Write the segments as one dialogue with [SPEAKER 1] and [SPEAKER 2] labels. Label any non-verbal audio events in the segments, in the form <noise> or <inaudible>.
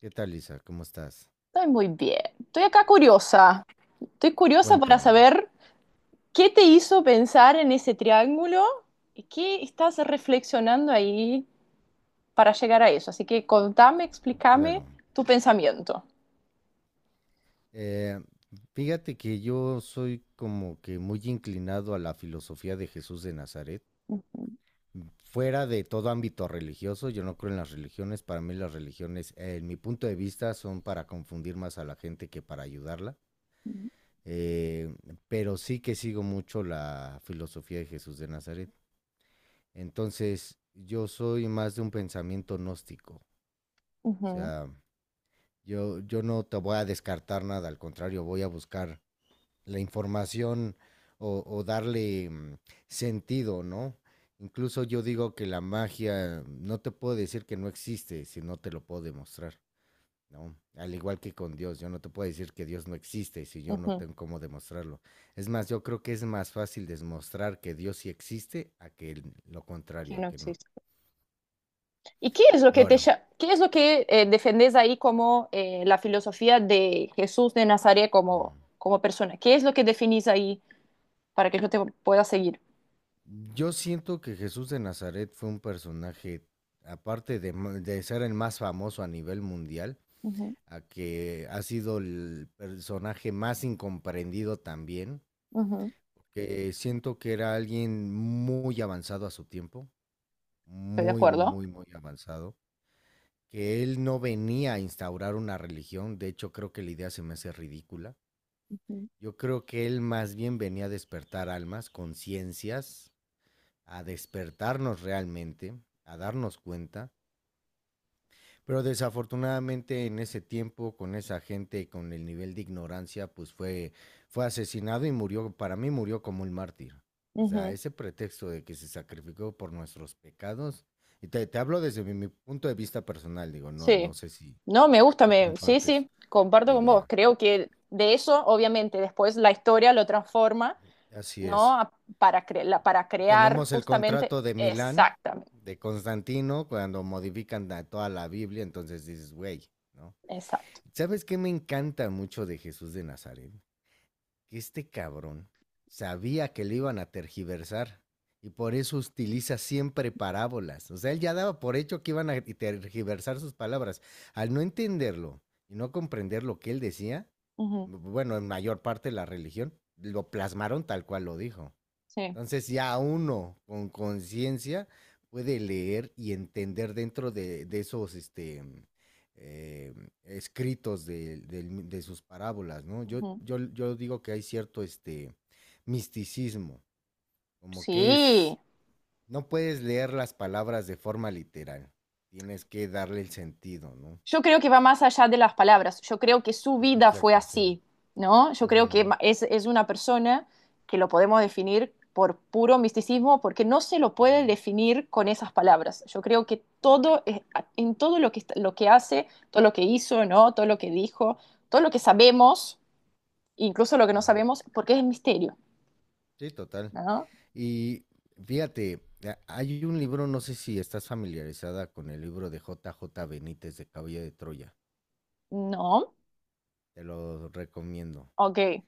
[SPEAKER 1] ¿Qué tal, Lisa? ¿Cómo estás?
[SPEAKER 2] Estoy muy bien. Estoy acá curiosa. Estoy curiosa para
[SPEAKER 1] Cuéntame.
[SPEAKER 2] saber qué te hizo pensar en ese triángulo y qué estás reflexionando ahí para llegar a eso. Así que contame, explícame
[SPEAKER 1] Claro.
[SPEAKER 2] tu pensamiento.
[SPEAKER 1] Eh, Fíjate que yo soy como que muy inclinado a la filosofía de Jesús de Nazaret.
[SPEAKER 2] Ujú,
[SPEAKER 1] Fuera de todo ámbito religioso, yo no creo en las religiones. Para mí las religiones, en mi punto de vista, son para confundir más a la gente que para ayudarla. Eh, pero sí que sigo mucho la filosofía de Jesús de Nazaret. Entonces, yo soy más de un pensamiento gnóstico. O
[SPEAKER 2] ujú,
[SPEAKER 1] sea, yo no te voy a descartar nada, al contrario, voy a buscar la información o darle sentido, ¿no? Incluso yo digo que la magia no te puedo decir que no existe si no te lo puedo demostrar, ¿no? Al igual que con Dios, yo no te puedo decir que Dios no existe si yo no
[SPEAKER 2] ujú.
[SPEAKER 1] tengo cómo demostrarlo. Es más, yo creo que es más fácil demostrar que Dios sí existe a que lo
[SPEAKER 2] Que
[SPEAKER 1] contrario, a
[SPEAKER 2] no
[SPEAKER 1] que no.
[SPEAKER 2] existe. ¿Y qué es lo que te,
[SPEAKER 1] Ahora,
[SPEAKER 2] qué es lo que defendés ahí como la filosofía de Jesús de Nazaret como,
[SPEAKER 1] mm,
[SPEAKER 2] como persona? ¿Qué es lo que definís ahí para que yo te pueda seguir?
[SPEAKER 1] yo siento que Jesús de Nazaret fue un personaje, aparte de, de ser el más famoso a nivel mundial,
[SPEAKER 2] Ujú,
[SPEAKER 1] a que ha sido el personaje más incomprendido también,
[SPEAKER 2] ujú.
[SPEAKER 1] que siento que era alguien muy avanzado a su tiempo,
[SPEAKER 2] Estoy de
[SPEAKER 1] muy,
[SPEAKER 2] acuerdo.
[SPEAKER 1] muy, muy avanzado, que él no venía a instaurar una religión, de hecho creo que la idea se me hace ridícula.
[SPEAKER 2] Ujú,
[SPEAKER 1] Yo creo que él más bien venía a despertar almas, conciencias, a despertarnos realmente, a darnos cuenta, pero desafortunadamente en ese tiempo con esa gente con el nivel de ignorancia pues fue asesinado y murió, para mí murió como un mártir. O sea,
[SPEAKER 2] ujú.
[SPEAKER 1] ese pretexto de que se sacrificó por nuestros pecados, y te hablo desde mi punto de vista personal, digo,
[SPEAKER 2] Sí,
[SPEAKER 1] no sé si
[SPEAKER 2] no, me gusta,
[SPEAKER 1] si
[SPEAKER 2] me, sí,
[SPEAKER 1] compartes
[SPEAKER 2] sí,
[SPEAKER 1] la
[SPEAKER 2] comparto con vos.
[SPEAKER 1] idea.
[SPEAKER 2] Creo que de eso, obviamente, después la historia lo transforma,
[SPEAKER 1] Así
[SPEAKER 2] ¿no?
[SPEAKER 1] es.
[SPEAKER 2] A- Para, para crear
[SPEAKER 1] Tenemos el
[SPEAKER 2] justamente,
[SPEAKER 1] contrato de Milán,
[SPEAKER 2] exactamente,
[SPEAKER 1] de Constantino, cuando modifican toda la Biblia, entonces dices, güey, ¿no?
[SPEAKER 2] exacto.
[SPEAKER 1] ¿Sabes qué me encanta mucho de Jesús de Nazaret? Que este cabrón sabía que le iban a tergiversar y por eso utiliza siempre parábolas. O sea, él ya daba por hecho que iban a tergiversar sus palabras. Al no entenderlo y no comprender lo que él decía,
[SPEAKER 2] Ujú.
[SPEAKER 1] bueno, en mayor parte la religión, lo plasmaron tal cual lo dijo.
[SPEAKER 2] Sí,
[SPEAKER 1] Entonces ya uno con conciencia puede leer y entender dentro de esos eh, escritos de sus parábolas, ¿no? Yo,
[SPEAKER 2] ujú.
[SPEAKER 1] yo, yo digo que hay cierto este, misticismo, como que es,
[SPEAKER 2] Sí,
[SPEAKER 1] no puedes leer las palabras de forma literal, tienes que darle el sentido, ¿no?
[SPEAKER 2] yo creo que va más allá de las palabras. Yo creo que su vida fue
[SPEAKER 1] Exacto, sí.
[SPEAKER 2] así, ¿no? Yo creo que
[SPEAKER 1] Ujú,
[SPEAKER 2] es una persona que lo podemos definir por puro misticismo porque no se lo puede
[SPEAKER 1] ujú,
[SPEAKER 2] definir con esas palabras. Yo creo que todo, en todo lo que, lo que hace, todo lo que hizo, ¿no? Todo lo que dijo, todo lo que sabemos, incluso lo que no
[SPEAKER 1] sí.
[SPEAKER 2] sabemos, porque es misterio,
[SPEAKER 1] Sí, total.
[SPEAKER 2] ¿no?
[SPEAKER 1] Y fíjate, hay un libro, no sé si estás familiarizada con el libro de J. J. Benítez de Caballo de Troya.
[SPEAKER 2] No,
[SPEAKER 1] Te lo recomiendo.
[SPEAKER 2] ok.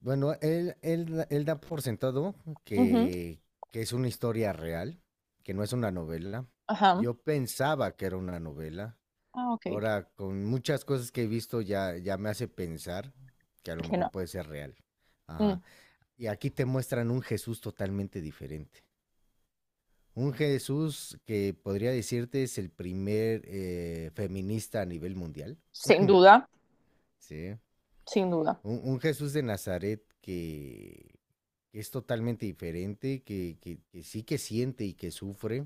[SPEAKER 1] Bueno, él da por sentado
[SPEAKER 2] Ujú.
[SPEAKER 1] que, que es una historia real, que no es una novela.
[SPEAKER 2] Ajá.
[SPEAKER 1] Yo pensaba que era una novela.
[SPEAKER 2] Ah, ok.
[SPEAKER 1] Ahora, con muchas cosas que he visto, ya me hace pensar que a lo
[SPEAKER 2] Que
[SPEAKER 1] mejor
[SPEAKER 2] no.
[SPEAKER 1] puede ser real.
[SPEAKER 2] Mm,
[SPEAKER 1] Ajá. Y aquí te muestran un Jesús totalmente diferente. Un Jesús que podría decirte es el primer feminista a nivel mundial,
[SPEAKER 2] sin duda,
[SPEAKER 1] ¿sí?
[SPEAKER 2] sin duda.
[SPEAKER 1] Un Jesús de Nazaret que es totalmente diferente, que sí que siente y que sufre,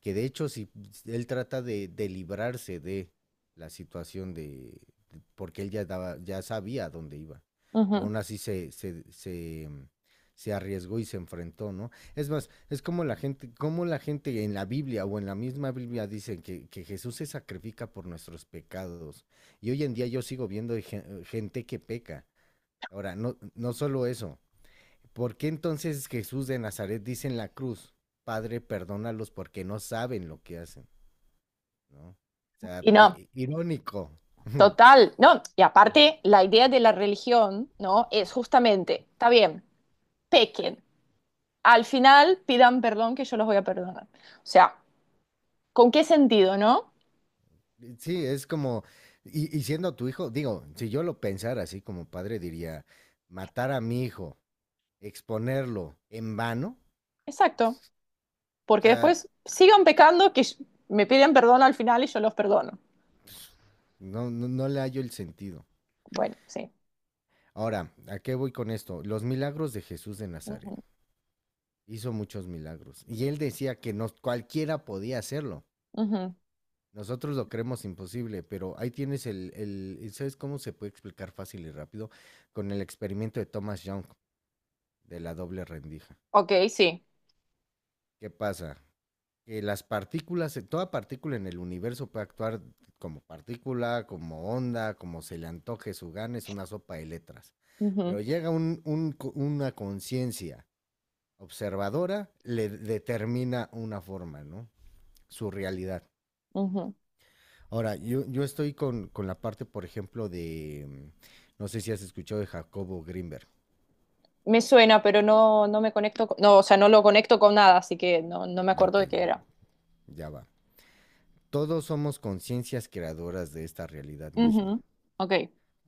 [SPEAKER 1] que de hecho si si él trata de librarse de la situación porque él ya daba, ya sabía a dónde iba. Pero
[SPEAKER 2] Ujú.
[SPEAKER 1] aún así se arriesgó y se enfrentó, ¿no? Es más, es como la gente en la Biblia o en la misma Biblia dicen que Jesús se sacrifica por nuestros pecados. Y hoy en día yo sigo viendo gente que peca. Ahora, no solo eso, ¿por qué entonces Jesús de Nazaret dice en la cruz, Padre, perdónalos porque no saben lo que hacen? ¿No? O sea,
[SPEAKER 2] Y no.
[SPEAKER 1] irónico. <laughs>
[SPEAKER 2] Total, no, y aparte la idea de la religión, ¿no? Es justamente, está bien, pequen, al final pidan perdón que yo los voy a perdonar. O sea, ¿con qué sentido, no?
[SPEAKER 1] Sí, es como, siendo tu hijo, digo, si yo lo pensara así como padre, diría, matar a mi hijo, exponerlo en vano,
[SPEAKER 2] Exacto,
[SPEAKER 1] o
[SPEAKER 2] porque
[SPEAKER 1] sea,
[SPEAKER 2] después sigan pecando que yo- me piden perdón al final y yo los perdono.
[SPEAKER 1] no le hallo el sentido.
[SPEAKER 2] Bueno, sí.
[SPEAKER 1] Ahora, ¿a qué voy con esto? Los milagros de Jesús de Nazaret.
[SPEAKER 2] Ujú,
[SPEAKER 1] Hizo muchos milagros. Y él decía que no, cualquiera podía hacerlo.
[SPEAKER 2] ujú.
[SPEAKER 1] Nosotros lo creemos imposible, pero ahí tienes ¿sabes cómo se puede explicar fácil y rápido? Con el experimento de Thomas Young de la doble rendija.
[SPEAKER 2] Ok, sí.
[SPEAKER 1] ¿Qué pasa? Que las partículas, toda partícula en el universo puede actuar como partícula, como onda, como se le antoje su gana, es una sopa de letras.
[SPEAKER 2] Ujú,
[SPEAKER 1] Pero llega una conciencia observadora, le determina una forma, ¿no? Su realidad.
[SPEAKER 2] ujú.
[SPEAKER 1] Ahora, yo estoy con la parte, por ejemplo, de, no sé si has escuchado de Jacobo Grinberg.
[SPEAKER 2] Me suena, pero no, no me conecto, con- no, o sea, no lo conecto con nada, así que no, no me acuerdo
[SPEAKER 1] Ok,
[SPEAKER 2] de qué era.
[SPEAKER 1] ya va. Todos somos conciencias creadoras de esta realidad misma.
[SPEAKER 2] Ujú. Ok,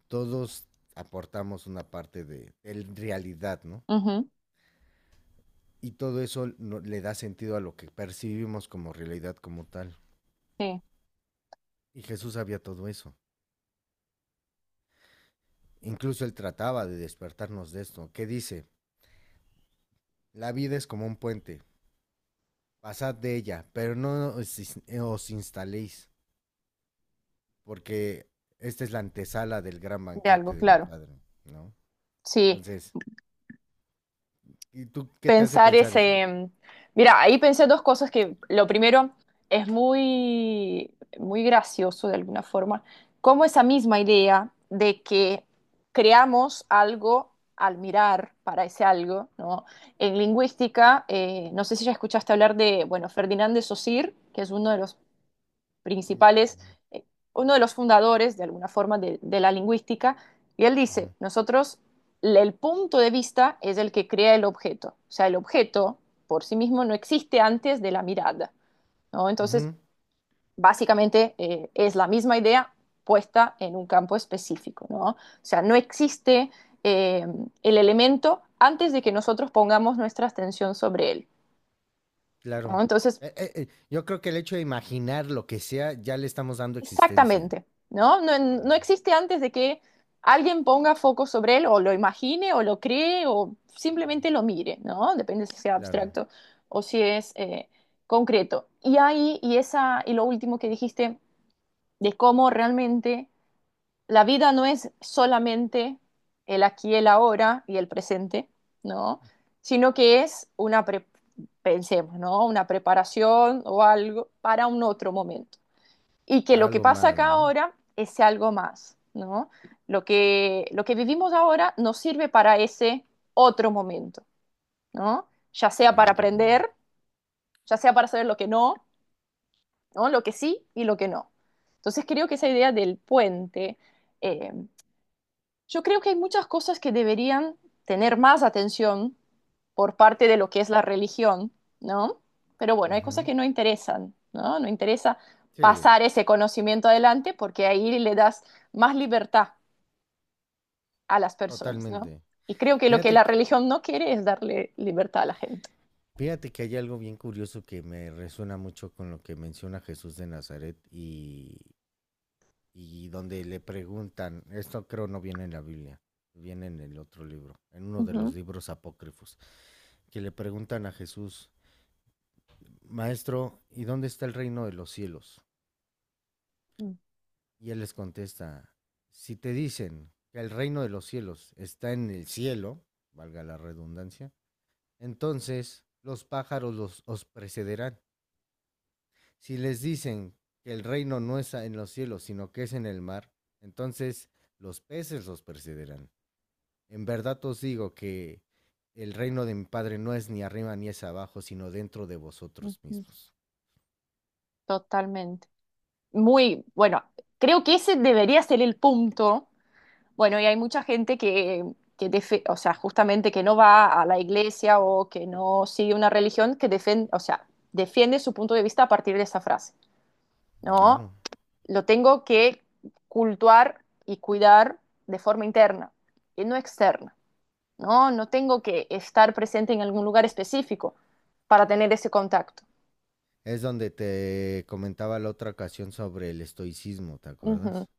[SPEAKER 1] Todos aportamos una parte de realidad, ¿no?
[SPEAKER 2] ujú,
[SPEAKER 1] Y todo eso le da sentido a lo que percibimos como realidad como tal.
[SPEAKER 2] sí,
[SPEAKER 1] Y Jesús sabía todo eso. Incluso él trataba de despertarnos de esto. ¿Qué dice? La vida es como un puente. Pasad de ella, pero no os instaléis porque esta es la antesala del gran
[SPEAKER 2] de algo,
[SPEAKER 1] banquete de mi
[SPEAKER 2] claro.
[SPEAKER 1] padre, ¿no?
[SPEAKER 2] Sí,
[SPEAKER 1] Entonces, ¿y tú qué te hace
[SPEAKER 2] pensar
[SPEAKER 1] pensar eso?
[SPEAKER 2] ese... mira, ahí pensé dos cosas que lo primero es muy, muy gracioso de alguna forma, como esa misma idea de que creamos algo al mirar para ese algo, ¿no? En lingüística, no sé si ya escuchaste hablar de, bueno, Ferdinand de Saussure, que es uno de los
[SPEAKER 1] Ujú,
[SPEAKER 2] principales, eh, uno de los fundadores, de alguna forma, de la lingüística, y él dice,
[SPEAKER 1] ujú,
[SPEAKER 2] nosotros, el punto de vista es el que crea el objeto, o sea, el objeto por sí mismo no existe antes de la mirada, ¿no? Entonces,
[SPEAKER 1] ujú,
[SPEAKER 2] básicamente es la misma idea puesta en un campo específico, ¿no? O sea, no existe eh, el elemento antes de que nosotros pongamos nuestra atención sobre él. ¿No?
[SPEAKER 1] claro.
[SPEAKER 2] Entonces,
[SPEAKER 1] Yo creo que el hecho de imaginar lo que sea, ya le estamos dando existencia.
[SPEAKER 2] exactamente, ¿no? No,
[SPEAKER 1] Ujú,
[SPEAKER 2] no existe antes de que alguien ponga foco sobre él o lo imagine o lo cree o simplemente lo mire, ¿no? Depende si sea
[SPEAKER 1] claro,
[SPEAKER 2] abstracto o si es concreto. Y ahí, y esa, y lo último que dijiste de cómo realmente la vida no es solamente el aquí, el ahora y el presente, ¿no? Sino que es una, pre- pensemos, ¿no? Una preparación o algo para un otro momento y que
[SPEAKER 1] dar
[SPEAKER 2] lo que
[SPEAKER 1] algo
[SPEAKER 2] pasa
[SPEAKER 1] más,
[SPEAKER 2] acá
[SPEAKER 1] ¿no?
[SPEAKER 2] ahora es algo más, ¿no? Lo que vivimos ahora nos sirve para ese otro momento, ¿no? Ya sea para
[SPEAKER 1] Sí, totalmente.
[SPEAKER 2] aprender, ya sea para saber lo que no, ¿no? Lo que sí y lo que no. Entonces creo que esa idea del puente eh, yo creo que hay muchas cosas que deberían tener más atención por parte de lo que es la religión, ¿no? Pero bueno, hay cosas
[SPEAKER 1] Ujú,
[SPEAKER 2] que no interesan, ¿no? No interesa
[SPEAKER 1] sí,
[SPEAKER 2] pasar ese conocimiento adelante porque ahí le das más libertad a las personas, ¿no?
[SPEAKER 1] totalmente.
[SPEAKER 2] Y creo que lo que
[SPEAKER 1] Fíjate,
[SPEAKER 2] la
[SPEAKER 1] que-
[SPEAKER 2] religión no quiere es darle libertad a la gente.
[SPEAKER 1] fíjate que hay algo bien curioso que me resuena mucho con lo que menciona Jesús de Nazaret y donde le preguntan, esto creo no viene en la Biblia, viene en el otro libro, en uno de los
[SPEAKER 2] Ujú,
[SPEAKER 1] libros apócrifos, que le preguntan a Jesús, Maestro, ¿y dónde está el reino de los cielos?
[SPEAKER 2] ujú,
[SPEAKER 1] Y él les contesta, si te dicen que el reino de los cielos está en el cielo, valga la redundancia, entonces los pájaros os precederán. Si les dicen que el reino no está en los cielos, sino que es en el mar, entonces los peces los precederán. En verdad os digo que el reino de mi Padre no es ni arriba ni es abajo, sino dentro de vosotros
[SPEAKER 2] ujú.
[SPEAKER 1] mismos.
[SPEAKER 2] Totalmente. Muy, bueno, creo que ese debería ser el punto. Bueno, y hay mucha gente que o sea, justamente que no va a la iglesia o que no sigue una religión que defiende, o sea, defiende su punto de vista a partir de esa frase, ¿no?
[SPEAKER 1] Claro.
[SPEAKER 2] Lo tengo que cultuar y cuidar de forma interna y no externa, ¿no? No tengo que estar presente en algún lugar específico para tener ese contacto.
[SPEAKER 1] Es donde te comentaba la otra ocasión sobre el estoicismo, ¿te
[SPEAKER 2] Ujú.
[SPEAKER 1] acuerdas?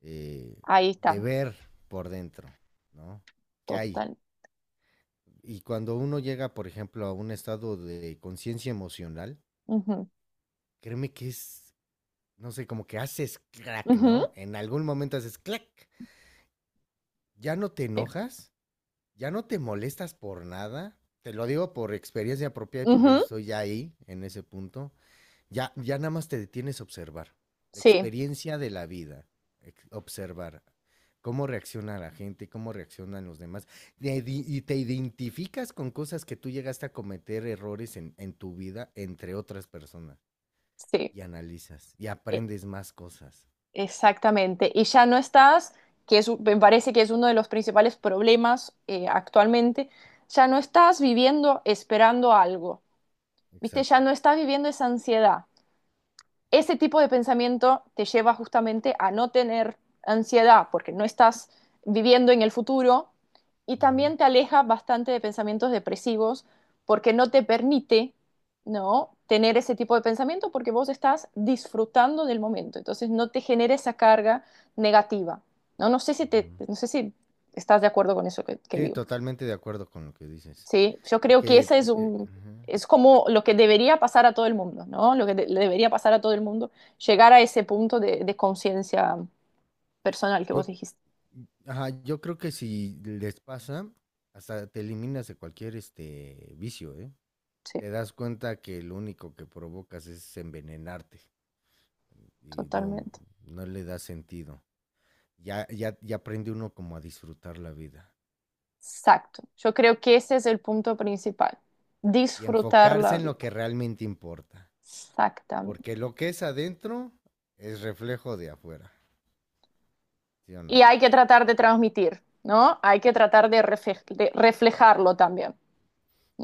[SPEAKER 1] Eh,
[SPEAKER 2] Ahí
[SPEAKER 1] de
[SPEAKER 2] está,
[SPEAKER 1] ver por dentro, ¿no? ¿Qué hay?
[SPEAKER 2] total.
[SPEAKER 1] Y cuando uno llega, por ejemplo, a un estado de conciencia emocional,
[SPEAKER 2] Ujú.
[SPEAKER 1] créeme que es, no sé, como que haces crack,
[SPEAKER 2] Ujú.
[SPEAKER 1] ¿no? En algún momento haces crack. Ya no te
[SPEAKER 2] Sí.
[SPEAKER 1] enojas, ya no te molestas por nada. Te lo digo por experiencia propia y porque yo
[SPEAKER 2] Ujú.
[SPEAKER 1] estoy ya ahí, en ese punto. Ya nada más te detienes a observar. La
[SPEAKER 2] Sí,
[SPEAKER 1] experiencia de la vida, observar cómo reacciona la gente, cómo reaccionan los demás. Y te identificas con cosas que tú llegaste a cometer errores en tu vida entre otras personas.
[SPEAKER 2] sí.
[SPEAKER 1] Y analizas y
[SPEAKER 2] Eh,
[SPEAKER 1] aprendes más cosas.
[SPEAKER 2] exactamente, y ya no estás, que es, me parece que es uno de los principales problemas actualmente, ya no estás viviendo esperando algo, ¿viste?
[SPEAKER 1] Exacto.
[SPEAKER 2] Ya no estás viviendo esa ansiedad, ese tipo de pensamiento te lleva justamente a no tener ansiedad porque no estás viviendo en el futuro y
[SPEAKER 1] Ujú,
[SPEAKER 2] también te aleja bastante de pensamientos depresivos porque no te permite no tener ese tipo de pensamiento porque vos estás disfrutando del momento entonces no te genera esa carga negativa. No, no sé si te,
[SPEAKER 1] ujú.
[SPEAKER 2] no sé si estás de acuerdo con eso que
[SPEAKER 1] Sí,
[SPEAKER 2] digo.
[SPEAKER 1] totalmente de acuerdo con lo que dices.
[SPEAKER 2] Sí, yo creo que
[SPEAKER 1] Porque,
[SPEAKER 2] ese es un,
[SPEAKER 1] ujú.
[SPEAKER 2] es como lo que debería pasar a todo el mundo, ¿no? Lo que le debería pasar a todo el mundo, llegar a ese punto de conciencia personal que vos
[SPEAKER 1] Yo,
[SPEAKER 2] dijiste.
[SPEAKER 1] ajá, yo creo que si les pasa, hasta te eliminas de cualquier este vicio, ¿eh?
[SPEAKER 2] Sí,
[SPEAKER 1] Te das cuenta que lo único que provocas es envenenarte y no,
[SPEAKER 2] totalmente.
[SPEAKER 1] no le da sentido. Ya aprende uno como a disfrutar la vida
[SPEAKER 2] Exacto. Yo creo que ese es el punto principal.
[SPEAKER 1] y
[SPEAKER 2] Disfrutar
[SPEAKER 1] enfocarse
[SPEAKER 2] la
[SPEAKER 1] en lo
[SPEAKER 2] vida.
[SPEAKER 1] que realmente importa,
[SPEAKER 2] Exactamente.
[SPEAKER 1] porque lo que es adentro es reflejo de afuera, ¿sí o
[SPEAKER 2] Y
[SPEAKER 1] no?
[SPEAKER 2] hay que tratar de transmitir, ¿no? Hay que tratar de, de reflejarlo también,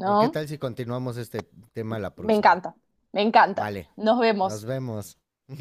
[SPEAKER 1] Pero ¿qué tal si continuamos este tema la
[SPEAKER 2] Me
[SPEAKER 1] próxima?
[SPEAKER 2] encanta, me encanta.
[SPEAKER 1] Vale,
[SPEAKER 2] Nos
[SPEAKER 1] nos
[SPEAKER 2] vemos.
[SPEAKER 1] vemos.